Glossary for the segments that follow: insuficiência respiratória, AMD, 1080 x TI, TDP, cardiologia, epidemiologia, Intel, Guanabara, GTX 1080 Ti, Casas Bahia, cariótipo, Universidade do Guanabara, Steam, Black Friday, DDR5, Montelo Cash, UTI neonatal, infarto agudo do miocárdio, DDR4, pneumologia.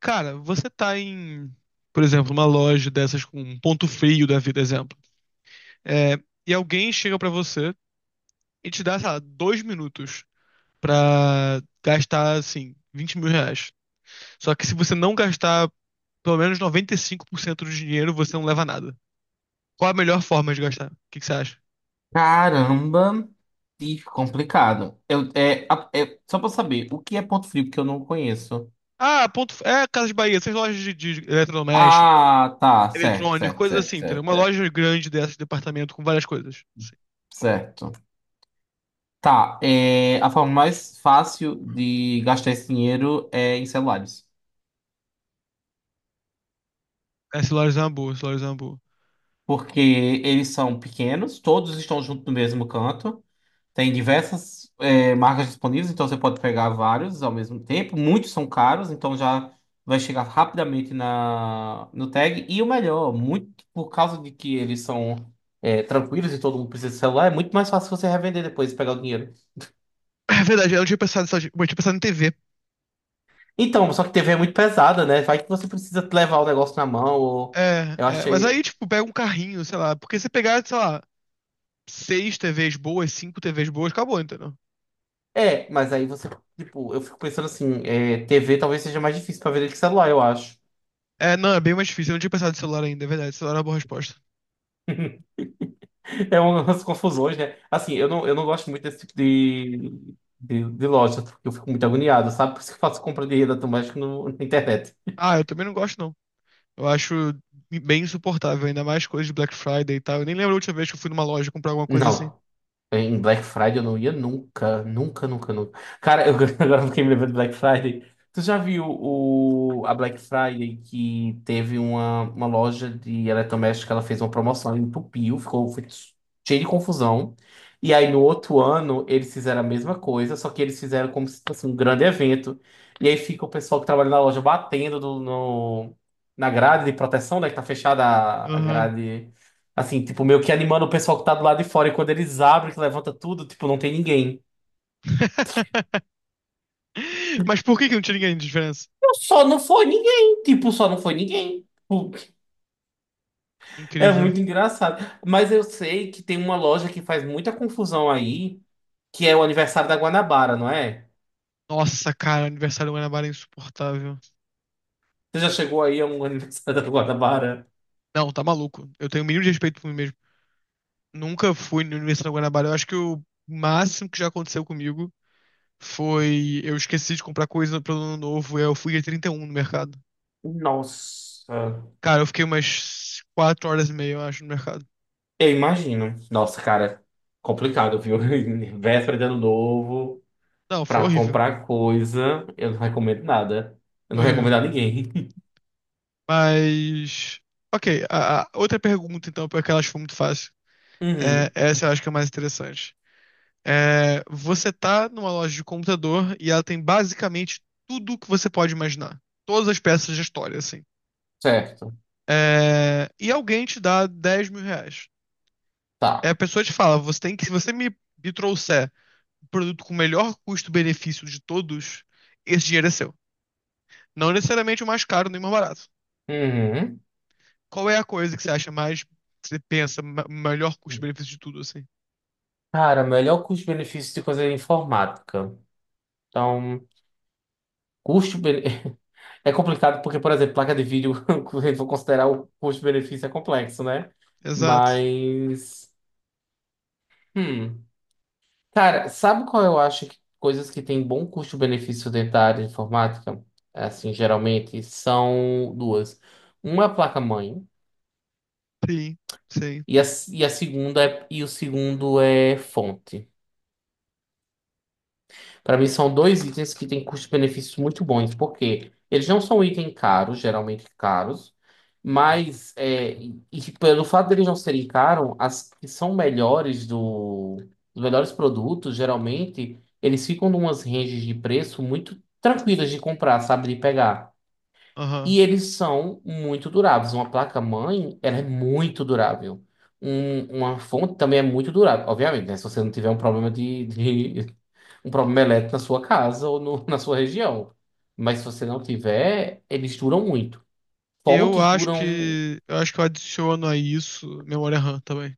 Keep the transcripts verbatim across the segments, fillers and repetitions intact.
Cara, você tá em, por exemplo, uma loja dessas com um ponto frio da vida, exemplo. É, e alguém chega pra você e te dá, sei lá, dois minutos pra gastar, assim, vinte mil reais. Só que se você não gastar pelo menos noventa e cinco por cento do dinheiro, você não leva nada. Qual a melhor forma de gastar? O que que você acha? Caramba, que complicado. Eu, é, a- é- só pra eu saber, o que é ponto frio que eu não conheço? Ah, ponto, é Casas Bahia, essas lojas de, de eletrodoméstico, Ah, tá, certo, eletrônico, certo, coisas certo, assim, entendeu? certo, Uma certo. loja grande dessas, departamento com várias coisas. Certo. Tá, é, a forma mais fácil de gastar esse dinheiro é em celulares. Essa loja é uma boa, essa loja é uma boa. Porque eles são pequenos, todos estão juntos no mesmo canto. Tem diversas é, marcas disponíveis, então você pode pegar vários ao mesmo tempo. Muitos são caros, então já vai chegar rapidamente na, no tag. E o melhor, muito por causa de que eles são é, tranquilos e todo mundo precisa de celular, é muito mais fácil você revender depois e pegar o dinheiro. É verdade, eu não tinha pensado, só, eu tinha pensado em T V. Então, só que T V é muito pesada, né? Vai que você precisa levar o negócio na mão, ou É, eu é, mas aí, achei. tipo, pega um carrinho, sei lá. Porque se pegar, sei lá, seis T Vs boas, cinco T Vs boas, acabou, entendeu? É, mas aí você, tipo, eu fico pensando assim, é, T V talvez seja mais difícil para vender que celular, eu acho. É, não, é bem mais difícil. Eu não tinha pensado em celular ainda, é verdade. Celular é uma boa resposta. É umas confusões, né? Assim, eu não, eu não gosto muito desse tipo de, de, de loja, porque eu fico muito agoniado, sabe? Por isso que eu faço compra de rede automática no, na internet. Ah, eu também não gosto, não. Eu acho bem insuportável, ainda mais coisas de Black Friday e tal. Eu nem lembro a última vez que eu fui numa loja comprar alguma coisa assim. Não. Em Black Friday eu não ia nunca, nunca, nunca, nunca. Cara, eu agora eu fiquei me lembrando de Black Friday. Tu já viu o, a Black Friday que teve uma, uma loja de eletrodoméstico que ela fez uma promoção, ela entupiu, ficou foi cheio de confusão. E aí no outro ano eles fizeram a mesma coisa, só que eles fizeram como se fosse um grande evento. E aí fica o pessoal que trabalha na loja batendo do- no, na grade de proteção, né, que tá fechada a a Aham. grade. Assim, tipo, meio que animando o pessoal que tá do lado de fora. E quando eles abrem, que levanta tudo, tipo, não tem ninguém. Mas por que que não tinha ninguém de diferença? Eu só não foi ninguém. Tipo, só não foi ninguém. Tipo, É Incrível. muito engraçado. Mas eu sei que tem uma loja que faz muita confusão aí, que é o aniversário da Guanabara, não é? Nossa, cara, aniversário do Guanabara é insuportável. Você já chegou aí a um aniversário da Guanabara? Não, tá maluco. Eu tenho o mínimo de respeito por mim mesmo. Nunca fui na Universidade do Guanabara. Eu acho que o máximo que já aconteceu comigo foi eu esqueci de comprar coisa pro ano novo e eu fui dia trinta e um no mercado. Nossa. Cara, eu fiquei umas quatro horas e meia, eu acho, no mercado. Eu imagino. Nossa, cara, complicado, viu? Véspera de ano novo, Não, foi pra horrível. comprar coisa, eu não recomendo nada. Eu Foi não horrível. recomendo a ninguém. Mas. Ok, a, a outra pergunta, então, porque aquela acho que foi muito fácil. É, Uhum. essa eu acho que é a mais interessante. É, você tá numa loja de computador e ela tem basicamente tudo que você pode imaginar. Todas as peças de história, assim. Certo. é, e alguém te dá dez mil reais. É, a Tá. pessoa te fala, você tem que, se você me, me trouxer um produto com o melhor custo-benefício de todos, esse dinheiro é seu. Não necessariamente o mais caro nem o mais barato. Uhum. Qual é a coisa que você acha mais, que você pensa, ma- melhor custo-benefício de tudo, assim? Cara, melhor custo-benefício de coisa de informática. Então, custo bene- é complicado porque, por exemplo, placa de vídeo, se a gente for considerar o custo-benefício é complexo, né? Exato. Mas, hum. Cara, sabe qual eu acho que coisas que têm bom custo-benefício dentro da área de informática? É Assim, geralmente são duas. Uma é a placa-mãe Sim, sim. e a, e a segunda é, e o segundo é fonte. Para mim, são dois itens que têm custos-benefícios muito bons, porque eles não são itens caros, geralmente caros, mas é, e e pelo fato deles não serem caros, as que são melhores do, os melhores produtos, geralmente, eles ficam numas ranges de preço muito tranquilas de comprar, sabe, de pegar. Aham. E eles são muito duráveis. Uma placa-mãe, ela é muito durável. Um- uma fonte também é muito durável, obviamente, né? Se você não tiver um problema de, de, um problema elétrico na sua casa ou no- na sua região. Mas se você não tiver, eles duram muito. Eu Fontes acho duram. que, eu acho que eu adiciono a isso memória RAM também.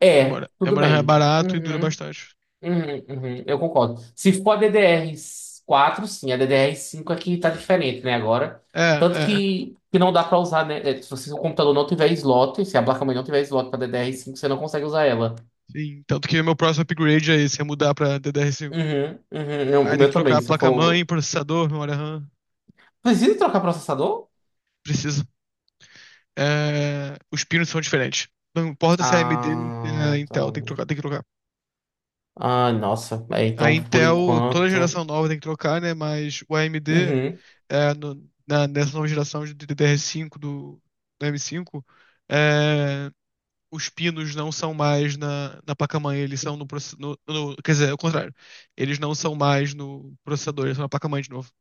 É, Memória, tudo memória RAM é bem. barato e dura Uhum, bastante. uhum, uhum, eu concordo. Se for a D D R quatro, sim, a D D R cinco aqui tá diferente, né, agora. É, Tanto é, que, que não dá pra usar, né? É, Se você- se o computador não tiver slot, se a placa-mãe não tiver slot pra D D R cinco, você não consegue usar ela. sim, tanto que meu próximo upgrade é esse, é mudar pra D D R cinco. Uhum, uhum, eu- o Aí tem que meu trocar também, a se eu placa-mãe, for. processador, memória RAM. Precisa trocar processador? Precisa. É, os pinos são diferentes. Não importa se é A M D ou se Ah, é tá. Intel, tem que trocar, tem que trocar. Ah, nossa. É, A então, por Intel, toda enquanto. geração nova tem que trocar, né? Mas o A M D, Uhum. é, no- na- nessa nova geração de D D R cinco do, do M cinco, é, os pinos não são mais na, na placa-mãe, eles são no, process- no, no- quer dizer, é o contrário. Eles não são mais no processador, eles são na placa-mãe de novo.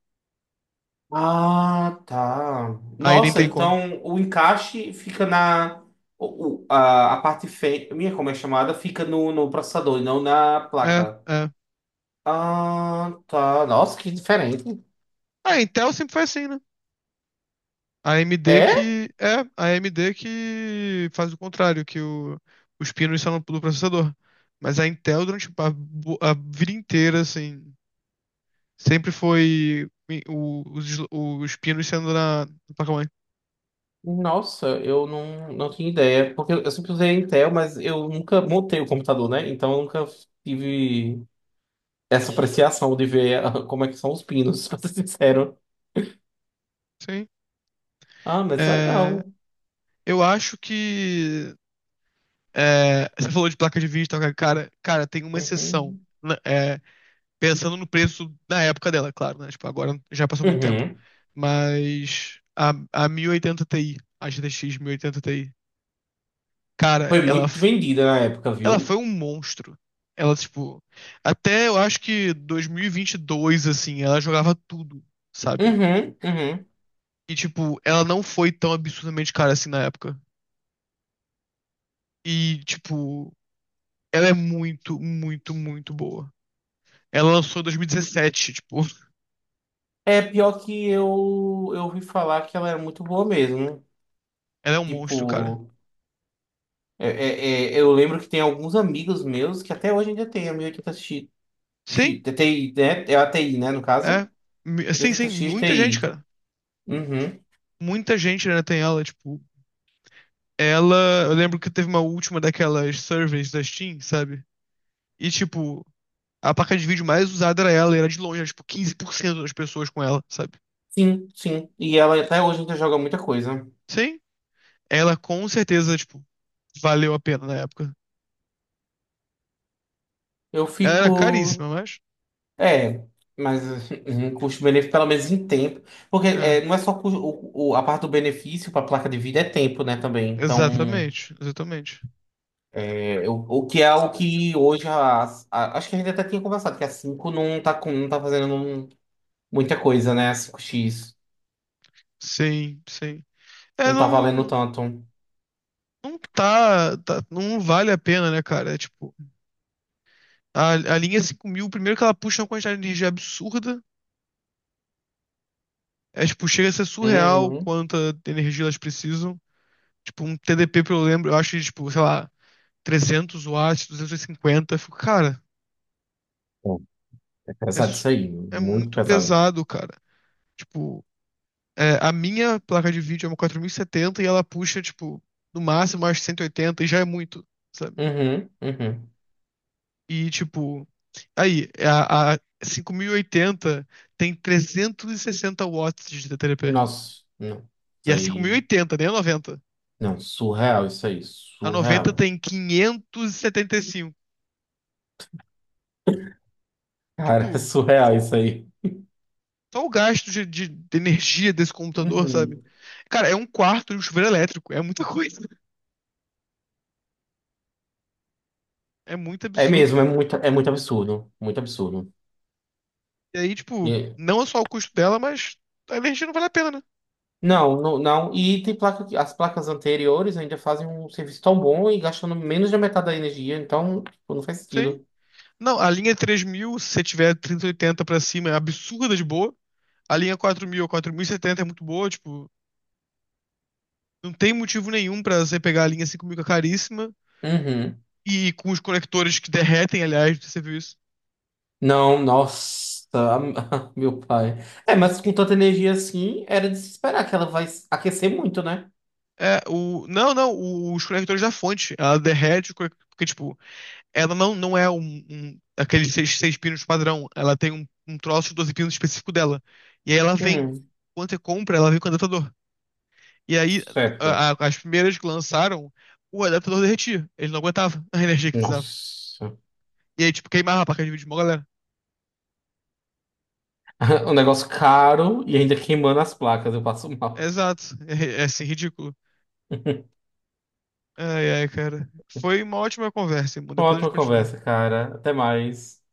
Ah, tá. Aí nem Nossa, tem como. então o encaixe fica na. o- o- a, a parte fêmea, como é chamada, fica no, no processador e não na É, placa. é. Ah, tá. Nossa, que diferente. A Intel sempre foi assim, né? A AMD É? que. É, a AMD que faz o contrário, que o- os pinos são do processador. Mas a Intel, durante a, bo- a vida inteira, assim, sempre foi i- o- os, sl- os pinos sendo na, na placa-mãe. Nossa, eu não, não tinha ideia. Porque eu sempre usei Intel, mas eu nunca montei o computador, né? Então eu nunca tive essa apreciação de ver ah, como é que são os pinos, pra ser sincero. Sim. Ah, mas É, legal. eu acho que. é, você falou de placa de vídeo, e tal, cara, cara, tem uma exceção. Uhum. Né? É, pensando no preço da época dela, claro, né? Tipo, agora já passou muito tempo. Uhum. Mas a, a mil e oitenta Ti, a G T X mil e oitenta Ti, cara, Foi ela, muito f- vendida na época, ela viu? foi um monstro. Ela, tipo, até eu acho que dois mil e vinte e dois, assim, ela jogava tudo, sabe? Uhum, uhum. E, tipo, ela não foi tão absurdamente cara assim na época. E, tipo, ela é muito, muito, muito boa. Ela lançou em dois mil e dezessete, tipo, É pior que eu, eu ouvi falar que ela era muito boa mesmo. né? ela é um monstro, cara. Tipo, é- é- é- eu lembro que tem alguns amigos meus que até hoje ainda tem a mil e oitenta x X- Sim, T I, né? É a T I, né, no caso? é, mi- mil e sim, sim, oitenta x muita gente, T I. cara. Uhum. Muita gente ainda tem ela, tipo, ela, eu lembro que teve uma última daquelas surveys da Steam, sabe? E tipo, a placa de vídeo mais usada era ela, e era de longe, era, tipo, quinze por cento das pessoas com ela, sabe? Sim, sim. E ela até hoje ainda joga muita coisa. Sim, ela com certeza, tipo, valeu a pena na época. Eu Ela era fico. caríssima, mas É, mas eh, um custo-benefício, pelo menos em tempo. Porque é, é, não é só cu- o, o- a parte do benefício para a placa de vida é tempo, né, também. Então, exatamente, exatamente. é, o, o que é algo que hoje a, a- acho que a gente até tinha conversado, que a cinco não tá, com- não tá fazendo um- muita coisa, né? A cinco X Sim, sim. É, não tá valendo não tanto. não tá, tá não vale a pena, né, cara? É tipo A, a linha cinco mil primeiro que ela puxa é uma quantidade de energia absurda. É, tipo, chega a ser surreal Uhum. quanta energia elas precisam. Tipo, um T D P, pelo lembro, eu acho que, tipo, sei lá, trezentos watts, duzentos e cinquenta. Eu fico, cara, Pô, É é, pesado isso su- aí, é muito muito pesado. pesado, cara. Tipo, é, a minha placa de vídeo é uma quatro mil e setenta e ela puxa, tipo, no máximo acho cento e oitenta e já é muito, sabe? Uhum, uhum. E, tipo, aí, é a, a cinco mil e oitenta tem trezentos e sessenta watts de T D P. Nossa, não. E Isso a aí. cinco mil e oitenta, nem a noventa. Não, surreal isso aí, A noventa surreal. tem quinhentos e setenta e cinco. Cara, é Tipo, surreal isso aí. só o gasto de, de- de energia desse computador, sabe? Uhum. Cara, é um quarto de um chuveiro elétrico. É muita coisa. É muito É absurdo. mesmo, é muito, é muito absurdo, muito absurdo. E aí, tipo, E- não é só o custo dela, mas a energia não vale a pena, né? não, não, não. E tem placa que as placas anteriores ainda fazem um serviço tão bom e gastando menos da metade da energia, então tipo, não faz Isso aí. sentido. Não, a linha é três mil se você tiver trinta e oitenta pra cima, é absurda de boa. A linha é quatro mil ou quatro mil e setenta é muito boa, tipo, não tem motivo nenhum pra você pegar a linha cinco mil que é caríssima Uhum. e com os conectores que derretem, aliás, você viu isso, Não, nossa, meu pai. É, por mas com tanta energia assim, era de se esperar que ela vai aquecer muito, né? é, o, não, não, o- os conectores da fonte. Ela derrete, o conec- porque, tipo, ela não, não é um, um- aqueles seis, seis pinos padrão. Ela tem um, um troço de doze pinos específico dela. E aí ela vem. Hum, Quando você compra, ela vem com o adaptador. E aí, certo. a- a- as primeiras que lançaram, o adaptador derretia. Ele não aguentava a energia que precisava. Nossa. E aí, tipo, queimava a placa de vídeo de uma galera. Um negócio caro e ainda queimando as placas, eu passo mal. Exato. É, é é, assim, ridículo. Ai, ai, cara. Foi uma ótima conversa, irmão. Depois a gente Ótima continua. conversa, cara. Até mais.